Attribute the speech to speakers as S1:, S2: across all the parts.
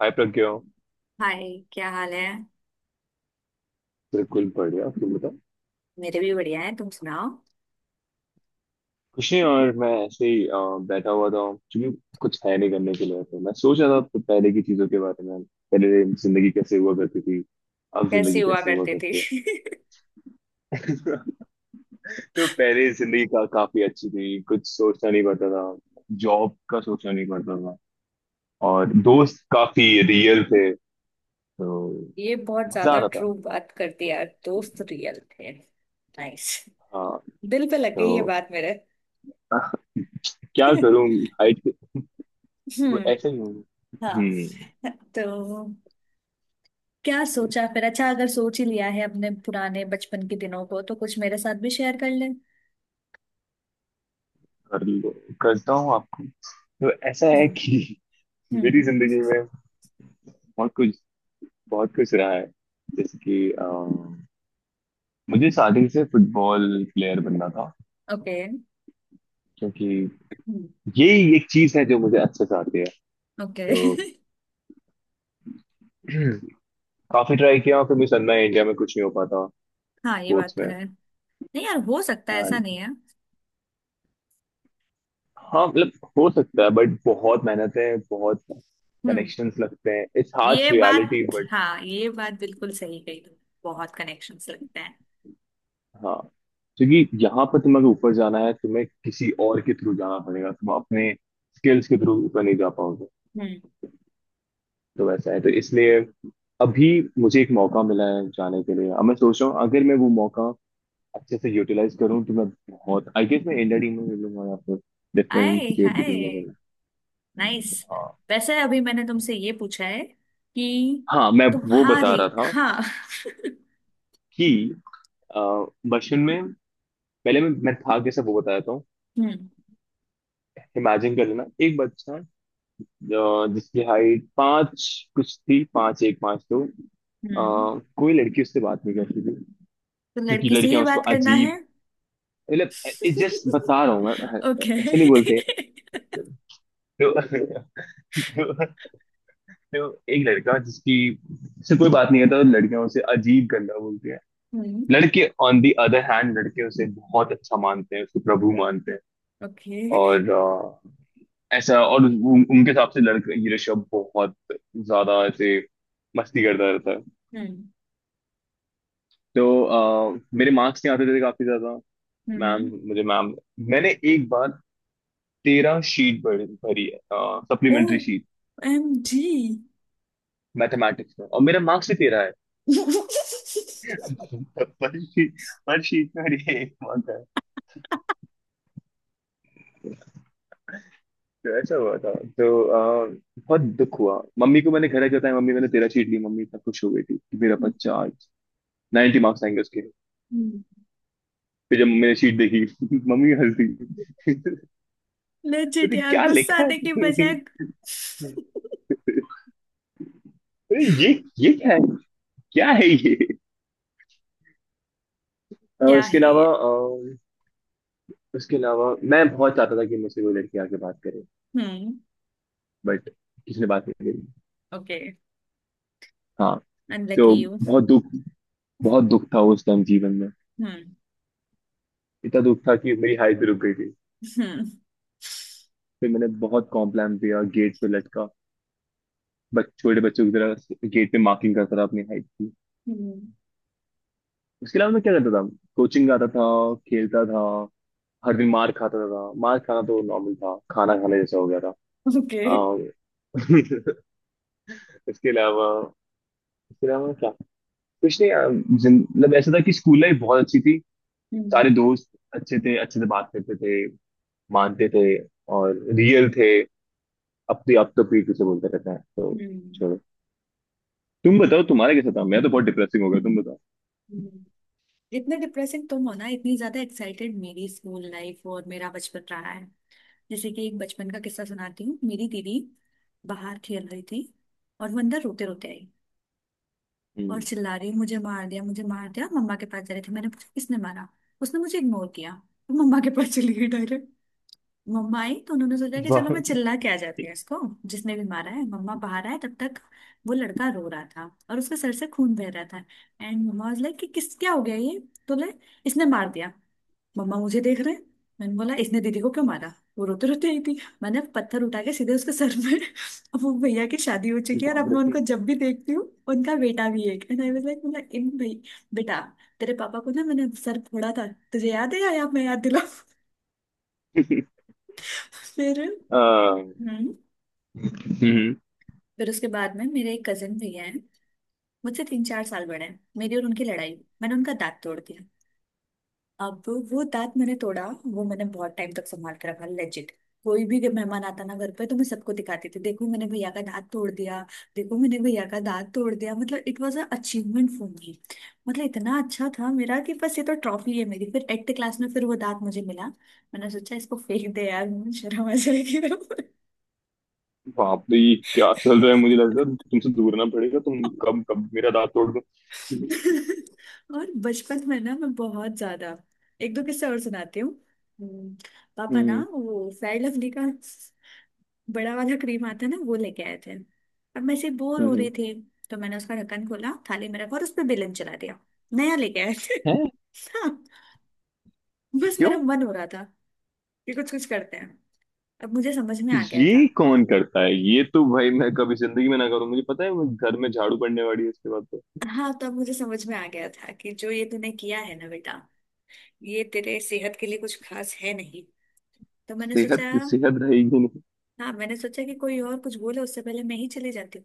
S1: हाय Pragya.
S2: Hi. क्या हाल है?
S1: बिल्कुल बढ़िया, तुम बताओ।
S2: मेरे भी बढ़िया है, तुम सुनाओ।
S1: कुछ नहीं, और मैं ऐसे ही बैठा हुआ था क्योंकि कुछ है नहीं करने के लिए, तो मैं सोच रहा था तो पहले की चीजों के बारे में। पहले जिंदगी कैसे हुआ करती थी, अब
S2: कैसी
S1: जिंदगी
S2: हुआ
S1: कैसे हुआ
S2: करते थे?
S1: करती है। तो पहले जिंदगी का काफी अच्छी थी, कुछ सोचना नहीं पड़ता था। जॉब का सोचना नहीं पड़ता था। और
S2: हम्म।
S1: दोस्त काफी रियल थे तो
S2: ये बहुत
S1: मजा
S2: ज्यादा
S1: आता था।
S2: ट्रू बात करती यार, दोस्त रियल थे, नाइस।
S1: हाँ,
S2: दिल पे लग
S1: तो
S2: गई ये बात मेरे।
S1: क्या करूँ। हाइट।
S2: हम्म।
S1: ऐसे ही हूँ। हम्म।
S2: हाँ, तो क्या सोचा फिर? अच्छा, अगर सोच ही लिया है अपने पुराने बचपन के दिनों को, तो कुछ मेरे साथ भी शेयर कर ले।
S1: कर लो, करता हूँ आपको। तो ऐसा है कि मेरी
S2: हम्म।
S1: जिंदगी में बहुत कुछ, बहुत कुछ रहा है। जैसे कि मुझे स्टार्टिंग से फुटबॉल प्लेयर बनना था,
S2: ओके।
S1: क्योंकि यही एक चीज है जो मुझे अच्छे से आती है।
S2: ओके।
S1: तो काफी ट्राई किया, फिर मुझे समझ में आया इंडिया में कुछ नहीं हो पाता
S2: हाँ, ये बात
S1: स्पोर्ट्स
S2: तो
S1: में।
S2: है। नहीं यार, हो सकता है, ऐसा
S1: And
S2: नहीं है।
S1: हाँ, मतलब हो सकता है बट बहुत मेहनत है, बहुत
S2: हम्म।
S1: कनेक्शंस लगते हैं, इट्स हार्श
S2: ये
S1: रियलिटी
S2: बात,
S1: बट
S2: हाँ, ये बात बिल्कुल सही कही तुमने। बहुत कनेक्शंस लगते हैं।
S1: हाँ, क्योंकि यहाँ पर तुम्हें अगर ऊपर जाना है तुम्हें किसी और के थ्रू जाना पड़ेगा, तुम अपने स्किल्स के थ्रू ऊपर नहीं जा पाओगे।
S2: हम्म।
S1: तो वैसा है, तो इसलिए अभी मुझे एक मौका मिला है जाने के लिए। अब मैं सोच रहा हूँ, अगर मैं वो मौका अच्छे से यूटिलाइज करूँ तो मैं बहुत, आई गेस मैं इंडिया टीम में मिलूंगा या फिर डिफरेंट
S2: आए
S1: स्टेट की टीम
S2: हाय,
S1: में मिलूंगा।
S2: नाइस।
S1: हाँ,
S2: वैसे अभी मैंने तुमसे ये पूछा है कि
S1: हाँ मैं वो
S2: तुम्हारे,
S1: बता रहा था
S2: हाँ,
S1: कि अ, बचपन में पहले मैं था कैसे वो बताया था।
S2: हम्म।
S1: इमेजिन कर लेना एक बच्चा, जिसकी हाइट पाँच कुछ थी, पाँच एक पाँच दो।
S2: हम्म,
S1: अ, कोई लड़की उससे बात नहीं करती थी,
S2: तो
S1: क्योंकि
S2: लड़की से ही
S1: लड़कियां उसको
S2: बात करना है?
S1: अजीब, मतलब जस्ट बता रहा हूँ मैं,
S2: ओके।
S1: ऐसे नहीं बोलते। तो, तो, तो एक लड़का जिसकी से कोई बात नहीं करता तो लड़कियां उसे अजीब गंदा बोलती हैं।
S2: हम्म।
S1: लड़के ऑन दी अदर हैंड, लड़के उसे बहुत अच्छा मानते हैं, उसको प्रभु मानते हैं।
S2: ओके।
S1: और ऐसा, और उनके हिसाब से लड़का ये ऋषभ बहुत ज्यादा ऐसे मस्ती करता रहता है।
S2: हम्म।
S1: तो मेरे मार्क्स नहीं आते थे काफी ज्यादा। मैम,
S2: हम्म।
S1: मुझे मैम, मैंने एक बार 13 शीट भरी भरी है,
S2: ओ
S1: सप्लीमेंट्री शीट,
S2: एम जी।
S1: मैथमेटिक्स में, और मेरा मार्क्स ही 13 है। पर शीट पर शीट में मेरी एक मार्क है। तो ऐसा हुआ था तो बहुत दुख हुआ मम्मी को। मैंने घर आके बताया, मम्मी मैंने 13 शीट ली। मम्मी इतना खुश हो गई थी कि मेरा बच्चा आज 90 मार्क्स आएंगे उसके। फिर जब मैंने शीट देखी मम्मी हंस दी।
S2: लेजिट
S1: अरे
S2: यार
S1: क्या
S2: गुस्सा
S1: लिखा
S2: आने की
S1: है?
S2: बजाय
S1: अरे ये, क्या है? क्या है ये? अ,
S2: क्या
S1: इसके
S2: है
S1: अलावा
S2: ये?
S1: अ, इसके अलावा मैं बहुत चाहता था कि मुझसे कोई लड़की आके बात करे,
S2: हम्म।
S1: बट किसी ने बात नहीं करी।
S2: Okay.
S1: हाँ,
S2: Unlucky
S1: तो
S2: you.
S1: बहुत दुख बहुत दुख था उस टाइम जीवन में।
S2: Hmm.
S1: इतना दुख था कि मेरी हाइट भी रुक गई थी।
S2: Hmm.
S1: फिर मैंने बहुत कॉम्प्लान किया, गेट पे लटका, बच छोटे बच्चों की तरह गेट पे मार्किंग करता था अपनी हाइट की।
S2: Hmm.
S1: उसके अलावा मैं क्या करता था? कोचिंग जाता था, खेलता था। हर दिन मार खाता था, मार खाना तो नॉर्मल था, खाना खाने जैसा हो गया था।
S2: Okay.
S1: अ, इसके अलावा, क्या? कुछ नहीं। मतलब ऐसा था कि स्कूल लाइफ बहुत अच्छी थी। सारे
S2: हम्म।
S1: दोस्त अच्छे थे, अच्छे से बात करते थे, मानते थे, और रियल थे। अब तो पीठ पीछे बोलते रहते हैं, तो
S2: हम्म,
S1: छोड़ो। तुम बताओ तुम्हारा कैसा था, मैं तो बहुत डिप्रेसिंग हो गया, तुम बताओ।
S2: जितने डिप्रेसिंग तुम हो ना, इतनी ज्यादा एक्साइटेड मेरी स्कूल लाइफ और मेरा बचपन रहा है। जैसे कि एक बचपन का किस्सा सुनाती हूँ। मेरी दीदी बाहर खेल रही थी और वो अंदर रोते रोते आई और
S1: हम्म।
S2: चिल्ला रही, मुझे मार दिया, मुझे मार दिया। मम्मा के पास जा रही थी। मैंने पूछा, किसने मारा? उसने मुझे इग्नोर किया तो मम्मा के पास चली गई डायरेक्ट। मम्मा आई तो उन्होंने सोचा कि
S1: वाह।
S2: चलो मैं चिल्ला के आ जाती हूँ इसको, जिसने भी मारा है। मम्मा बाहर आए तब तक वो लड़का रो रहा था और उसके सर से खून बह रहा था। एंड मम्मा वाज लाइक कि किस, क्या हो गया ये? तो ले, इसने मार दिया, मम्मा मुझे देख रहे हैं। मैंने बोला, इसने दीदी को क्यों मारा? वो रोते रोते आई थी, मैंने पत्थर उठा के सीधे उसके सर में। अब वो भैया की शादी हो चुकी है, और
S1: बाप
S2: अब मैं
S1: रे।
S2: उनको जब भी देखती हूँ, उनका बेटा भी एक, एंड आई वाज लाइक, मतलब इन भाई, बेटा, तेरे पापा को ना मैंने सर फोड़ा था। तुझे याद है या मैं याद दिला? फिर
S1: अ, हम्म,
S2: हम्म। फिर उसके बाद में मेरे एक कजिन भैया हैं, मुझसे 3 4 साल बड़े हैं। मेरी और उनकी लड़ाई हुई, मैंने उनका दांत तोड़ दिया। अब वो दांत मैंने तोड़ा, वो मैंने बहुत टाइम तक संभाल के रखा, लेजिट। कोई भी मेहमान आता ना घर पे, तो मैं सबको दिखाती थी, देखो मैंने भैया का दांत तोड़ दिया, देखो मैंने भैया का दांत तोड़ दिया। मतलब it was a achievement for me. मतलब इतना अच्छा था मेरा कि बस, ये तो ट्रॉफी है मेरी। फिर एट्थ क्लास में फिर वो दांत मुझे मिला, मैंने सोचा इसको फेंक दे यार, मुझे शर्म आ जाएगी।
S1: बाप रे, ये क्या चल रहा है? मुझे लग रहा है तुमसे दूर ना पड़ेगा, तुम कब कब मेरा दांत तोड़ दो।
S2: और बचपन में ना मैं बहुत ज्यादा, एक दो किस्से और सुनाती हूँ। हम्म, पापा
S1: हम्म।
S2: ना वो फेयर लवली का बड़ा वाला क्रीम आता है ना, वो लेके आए थे, और मैं ऐसे बोर हो रहे
S1: हम्म।
S2: थे तो मैंने उसका ढक्कन खोला, थाली में रखा और उस पर बेलन चला दिया। नया लेके आए थे।
S1: है?
S2: हाँ, बस मेरा
S1: क्यों?
S2: मन हो रहा था कि कुछ कुछ करते हैं। अब मुझे समझ में आ गया था।
S1: ये कौन करता है? ये तो भाई मैं कभी जिंदगी में ना करूं। मुझे पता है मैं घर में झाड़ू पड़ने वाली है इसके बाद तो।
S2: हाँ, तब मुझे समझ में आ गया था कि जो ये तूने किया है ना बेटा, ये तेरे सेहत के लिए कुछ खास है नहीं। तो मैंने
S1: सेहत,
S2: सोचा,
S1: सेहत रहेगी नहीं।
S2: हाँ मैंने सोचा कि कोई और कुछ बोले उससे पहले मैं ही चली जाती हूँ।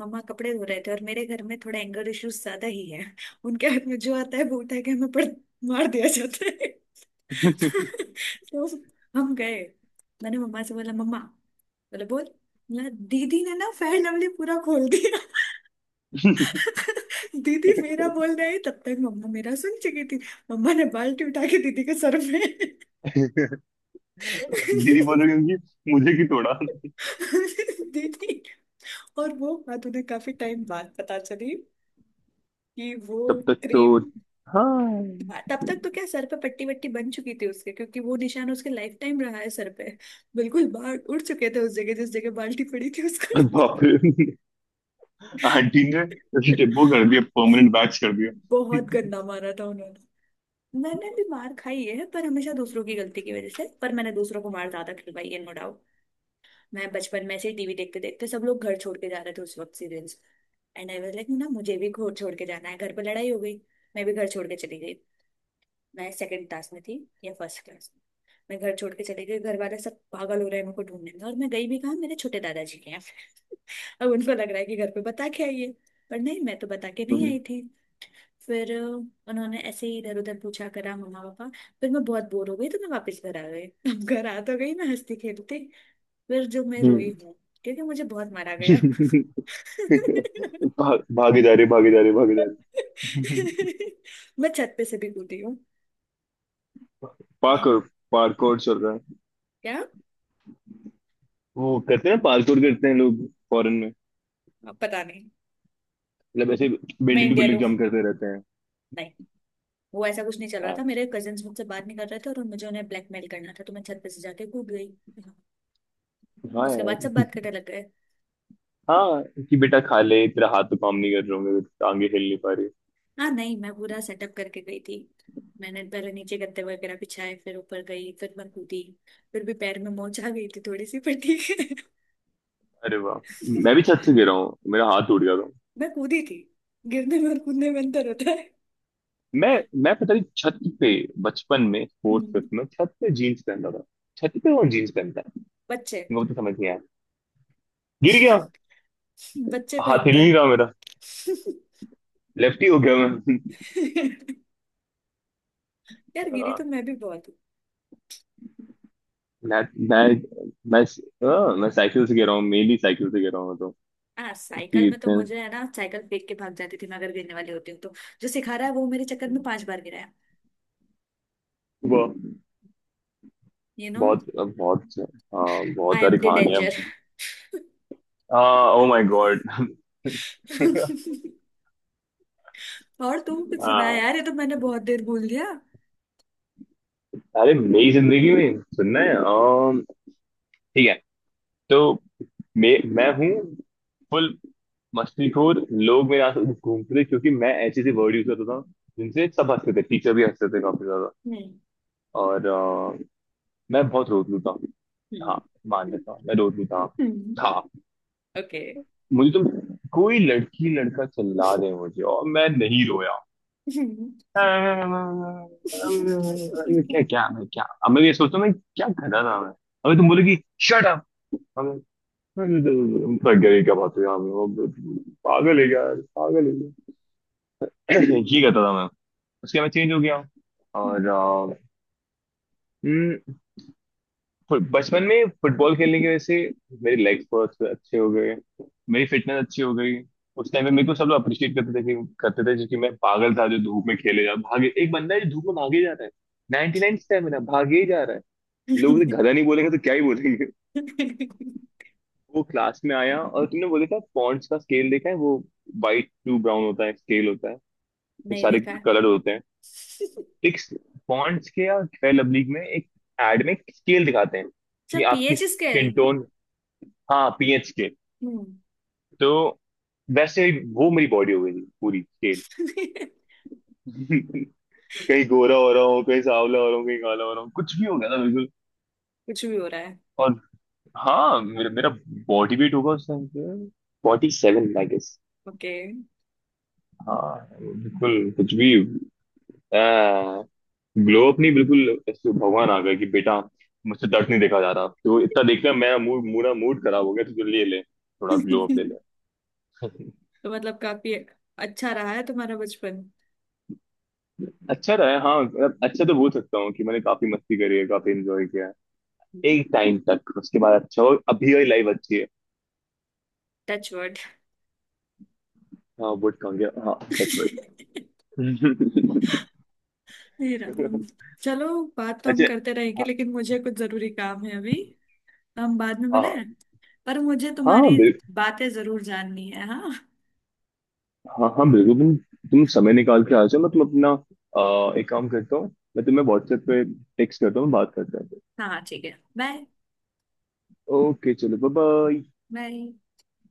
S2: मम्मा कपड़े धो रहे थे, और मेरे घर में थोड़ा एंगर इश्यूज ज्यादा ही है उनके हाथ में जो आता है वो उठा के हमें पड़, मार दिया जाता है। तो हम गए, मैंने मम्मा से बोला, मम्मा बोले बोल बोला, दीदी ने ना फेयर लवली पूरा खोल दिया। दीदी मेरा बोल रही, तब तक मम्मा मेरा सुन चुकी थी। मम्मा ने बाल्टी उठा के दीदी के सर में
S1: दीदी बोलो क्योंकि मुझे की तोड़ा।
S2: दीदी। और वो बात उन्हें काफी टाइम बाद पता चली कि वो
S1: तब तक तो
S2: क्रीम।
S1: हाँ।
S2: तब तक तो क्या, सर पे पट्टी वट्टी बन चुकी थी उसके, क्योंकि वो निशान उसके लाइफ टाइम रहा है सर पे। बिल्कुल बाल उड़ चुके थे उस जगह, जिस जगह बाल्टी पड़ी थी उसको।
S1: बाप रे। आंटी ने जैसे वो कर दिया, परमानेंट बैच कर दिया।
S2: बहुत गंदा मारा था उन्होंने। मैंने भी मार खाई है, पर हमेशा दूसरों की गलती की वजह से, पर मैंने दूसरों को मार ज्यादा खिलवाई है, नो डाउट। मैं बचपन में से ही टीवी देखते देखते, सब लोग घर छोड़ के जा रहे थे उस वक्त serials, and I was like ना, मुझे भी घर छोड़ के जाना है। घर पर लड़ाई हो गई, मैं भी घर छोड़ के चली गई। मैं सेकंड क्लास में थी या फर्स्ट क्लास में। मैं घर छोड़ के चली गई, घर वाले सब पागल हो रहे हैं मेरे को ढूंढने में, और मैं गई भी कहाँ, मेरे छोटे दादाजी के यहाँ। अब उनको लग रहा है कि घर पे बता के आई है, पर नहीं, मैं तो बता के नहीं
S1: हम्म।
S2: आई थी। फिर उन्होंने ऐसे ही इधर उधर पूछा करा मम्मा पापा। फिर मैं बहुत बोर हो गई तो मैं वापस घर आ गई। अब घर आ तो गई मैं हंसती खेलती, फिर जो मैं रोई
S1: हम्म।
S2: हूँ, क्योंकि मुझे बहुत मारा गया।
S1: भाग, भागे जा रहे, भागे जा रहे, भागे जा रहे।
S2: मैं छत पे से भी कूदी हूँ। तो
S1: पार्कोर। पार्कोर चल रहा है।
S2: क्या?
S1: वो करते हैं ना, पार्कोर करते हैं लोग फॉरेन में,
S2: अब पता नहीं,
S1: मतलब ऐसे
S2: मैं
S1: बिल्डिंग टू
S2: इंडियन
S1: बिल्डिंग
S2: हूँ।
S1: जंप करते रहते हैं।
S2: नहीं, वो ऐसा कुछ नहीं चल रहा
S1: हाँ।
S2: था, मेरे कजिन्स मुझसे बात नहीं कर रहे थे और मुझे उन्हें ब्लैकमेल करना था, तो मैं छत पे से जाके कूद गई।
S1: हाँ
S2: उसके बाद सब बात
S1: यार।
S2: करने लग गए।
S1: हाँ, कि बेटा खा ले, तेरा हाथ तो काम नहीं कर रहे होंगे, टांगे हिल नहीं पा रही।
S2: हाँ नहीं, मैं पूरा सेटअप करके गई थी। मैंने पहले नीचे गद्दे वगैरह बिछाए, फिर ऊपर गई, फिर मैं कूदी। फिर भी पैर में मोच आ गई थी थोड़ी सी, पर ठीक है।
S1: अरे वाह। मैं भी छत से गिरा हूँ, मेरा हाथ टूट गया था।
S2: मैं कूदी थी, गिरने में और कूदने में अंतर होता है।
S1: मैं मैं पता नहीं छत पे बचपन में फोर्थ
S2: हम्म,
S1: फिफ्थ में छत पे जीन्स पहनता था। छत पे कौन जीन्स पहनता है?
S2: बच्चे।
S1: वो तो समझ नहीं आया, गिर गया,
S2: बच्चे
S1: हाथ हिल
S2: पहनते
S1: नहीं
S2: हैं।
S1: रहा मेरा, लेफ्टी हो गया मैं।
S2: यार गिरी
S1: हाँ,
S2: तो मैं भी बहुत हूँ।
S1: मैं मैं मैं हाँ, मैं साइकिल से गिरा हूँ, मेनली साइकिल से गिरा हूँ मैं तो।
S2: हाँ साइकिल
S1: कि
S2: में तो
S1: इतने,
S2: मुझे है ना, साइकिल फेंक के भाग जाती थी मैं, अगर गिरने वाली होती हूँ तो। जो सिखा रहा है वो मेरे चक्कर में 5 बार गिराया।
S1: वो
S2: यू नो,
S1: बहुत, बहुत हाँ बहुत
S2: आई एम
S1: सारी
S2: द
S1: कहानियां।
S2: डेंजर।
S1: हाँ, ओ माय गॉड।
S2: और तुम? कुछ सुनाया
S1: हाँ।
S2: यार ये तो, मैंने बहुत देर भूल दिया।
S1: अरे मेरी जिंदगी में सुनना है? ठीक है। तो मैं हूँ फुल मस्तीखोर। लोग मेरे आसपास घूमते थे क्योंकि मैं ऐसे ऐसे वर्ड यूज करता था जिनसे सब हंसते थे, टीचर भी हंसते थे काफी ज्यादा।
S2: हम्म।
S1: और मैं बहुत रोत लू था। हाँ मान लेता हूँ मैं रोत लू था
S2: हम्म।
S1: था
S2: ओके।
S1: मुझे तो कोई लड़की लड़का चिल्ला दे मुझे और मैं नहीं रोया। क्या क्या? मैं क्या? अब मैं ये सोचता हूँ मैं क्या कर रहा था मैं? अभी तुम बोलोगी शट अप, थक गया, ये क्या बात है यार, मैं पागल है क्या यार, पागल है क्या। ये कहता था मैं। उसके बाद चेंज हो गया, और बचपन में फुटबॉल खेलने की वजह से मेरे लेग्स बहुत अच्छे हो गए, मेरी फिटनेस अच्छी हो गई। उस टाइम पे
S2: ओके।
S1: मेरे को सब लोग अप्रिशिएट करते थे कि करते थे जो कि मैं पागल था जो धूप में खेले जा भागे, एक बंदा है जो धूप में भागे जा रहा है, 99 नाइन स्टेमिना भागे ही जा रहा है, लोग उसे
S2: नहीं।
S1: गधा नहीं बोलेंगे तो क्या ही बोलेंगे। वो क्लास में आया और तुमने बोले था पॉन्ड्स का स्केल देखा है, वो वाइट टू ब्राउन होता है, स्केल होता है, तो सारे
S2: देखा है।
S1: कलर होते हैं। एक पॉन्ड्स के या फेयर लवली में एक एड में स्केल दिखाते हैं
S2: अच्छा,
S1: कि आपकी
S2: पीएच स्केल।
S1: स्किन टोन, हाँ पीएच,
S2: हम्म।
S1: तो वैसे ही वो मेरी बॉडी हो गई थी पूरी स्केल।
S2: कुछ
S1: कहीं गोरा हो रहा हूँ, कहीं सांवला हो रहा हूँ, कहीं काला हो रहा हूँ, कुछ भी हो गया था बिल्कुल।
S2: भी हो रहा है।
S1: और हाँ, मेरा मेरा बॉडी वेट होगा उस टाइम पे 47, आई गेस।
S2: ओके।
S1: हाँ बिल्कुल, कुछ भी ग्लो अप नहीं, बिल्कुल ऐसे भगवान आ गया कि बेटा मुझसे दर्द नहीं देखा जा रहा, तो इतना देख लिया मैं, मूड मूड मूड खराब हो गया, तो जो ले ले थोड़ा
S2: तो
S1: ग्लो अप, ले ले।
S2: मतलब काफी अच्छा रहा है तुम्हारा बचपन।
S1: अच्छा रहा है, हाँ मतलब अच्छा तो बोल सकता हूँ कि मैंने काफी मस्ती करी है, काफी एंजॉय किया एक टाइम तक। उसके बाद अच्छा हो, अभी वही लाइफ अच्छी है।
S2: Touch word.
S1: हाँ वुड कहूंगे, हाँ। Touch wood.
S2: हे राम। चलो, बात तो हम
S1: अच्छा।
S2: करते रहेंगे,
S1: हाँ।
S2: लेकिन मुझे कुछ जरूरी काम है अभी। तो हम बाद में मिले हैं।
S1: हाँ,
S2: पर मुझे
S1: हाँ
S2: तुम्हारी बातें जरूर जाननी है। हाँ।
S1: हाँ, हाँ बिल्कुल, तुम समय निकाल के आ जाओ। मैं तुम अपना एक काम करता हूँ, मैं तुम्हें व्हाट्सएप पे टेक्स्ट करता हूँ, बात करते हैं।
S2: हाँ ठीक है। बाय।
S1: ओके चलो, बाय बाय।
S2: बाय।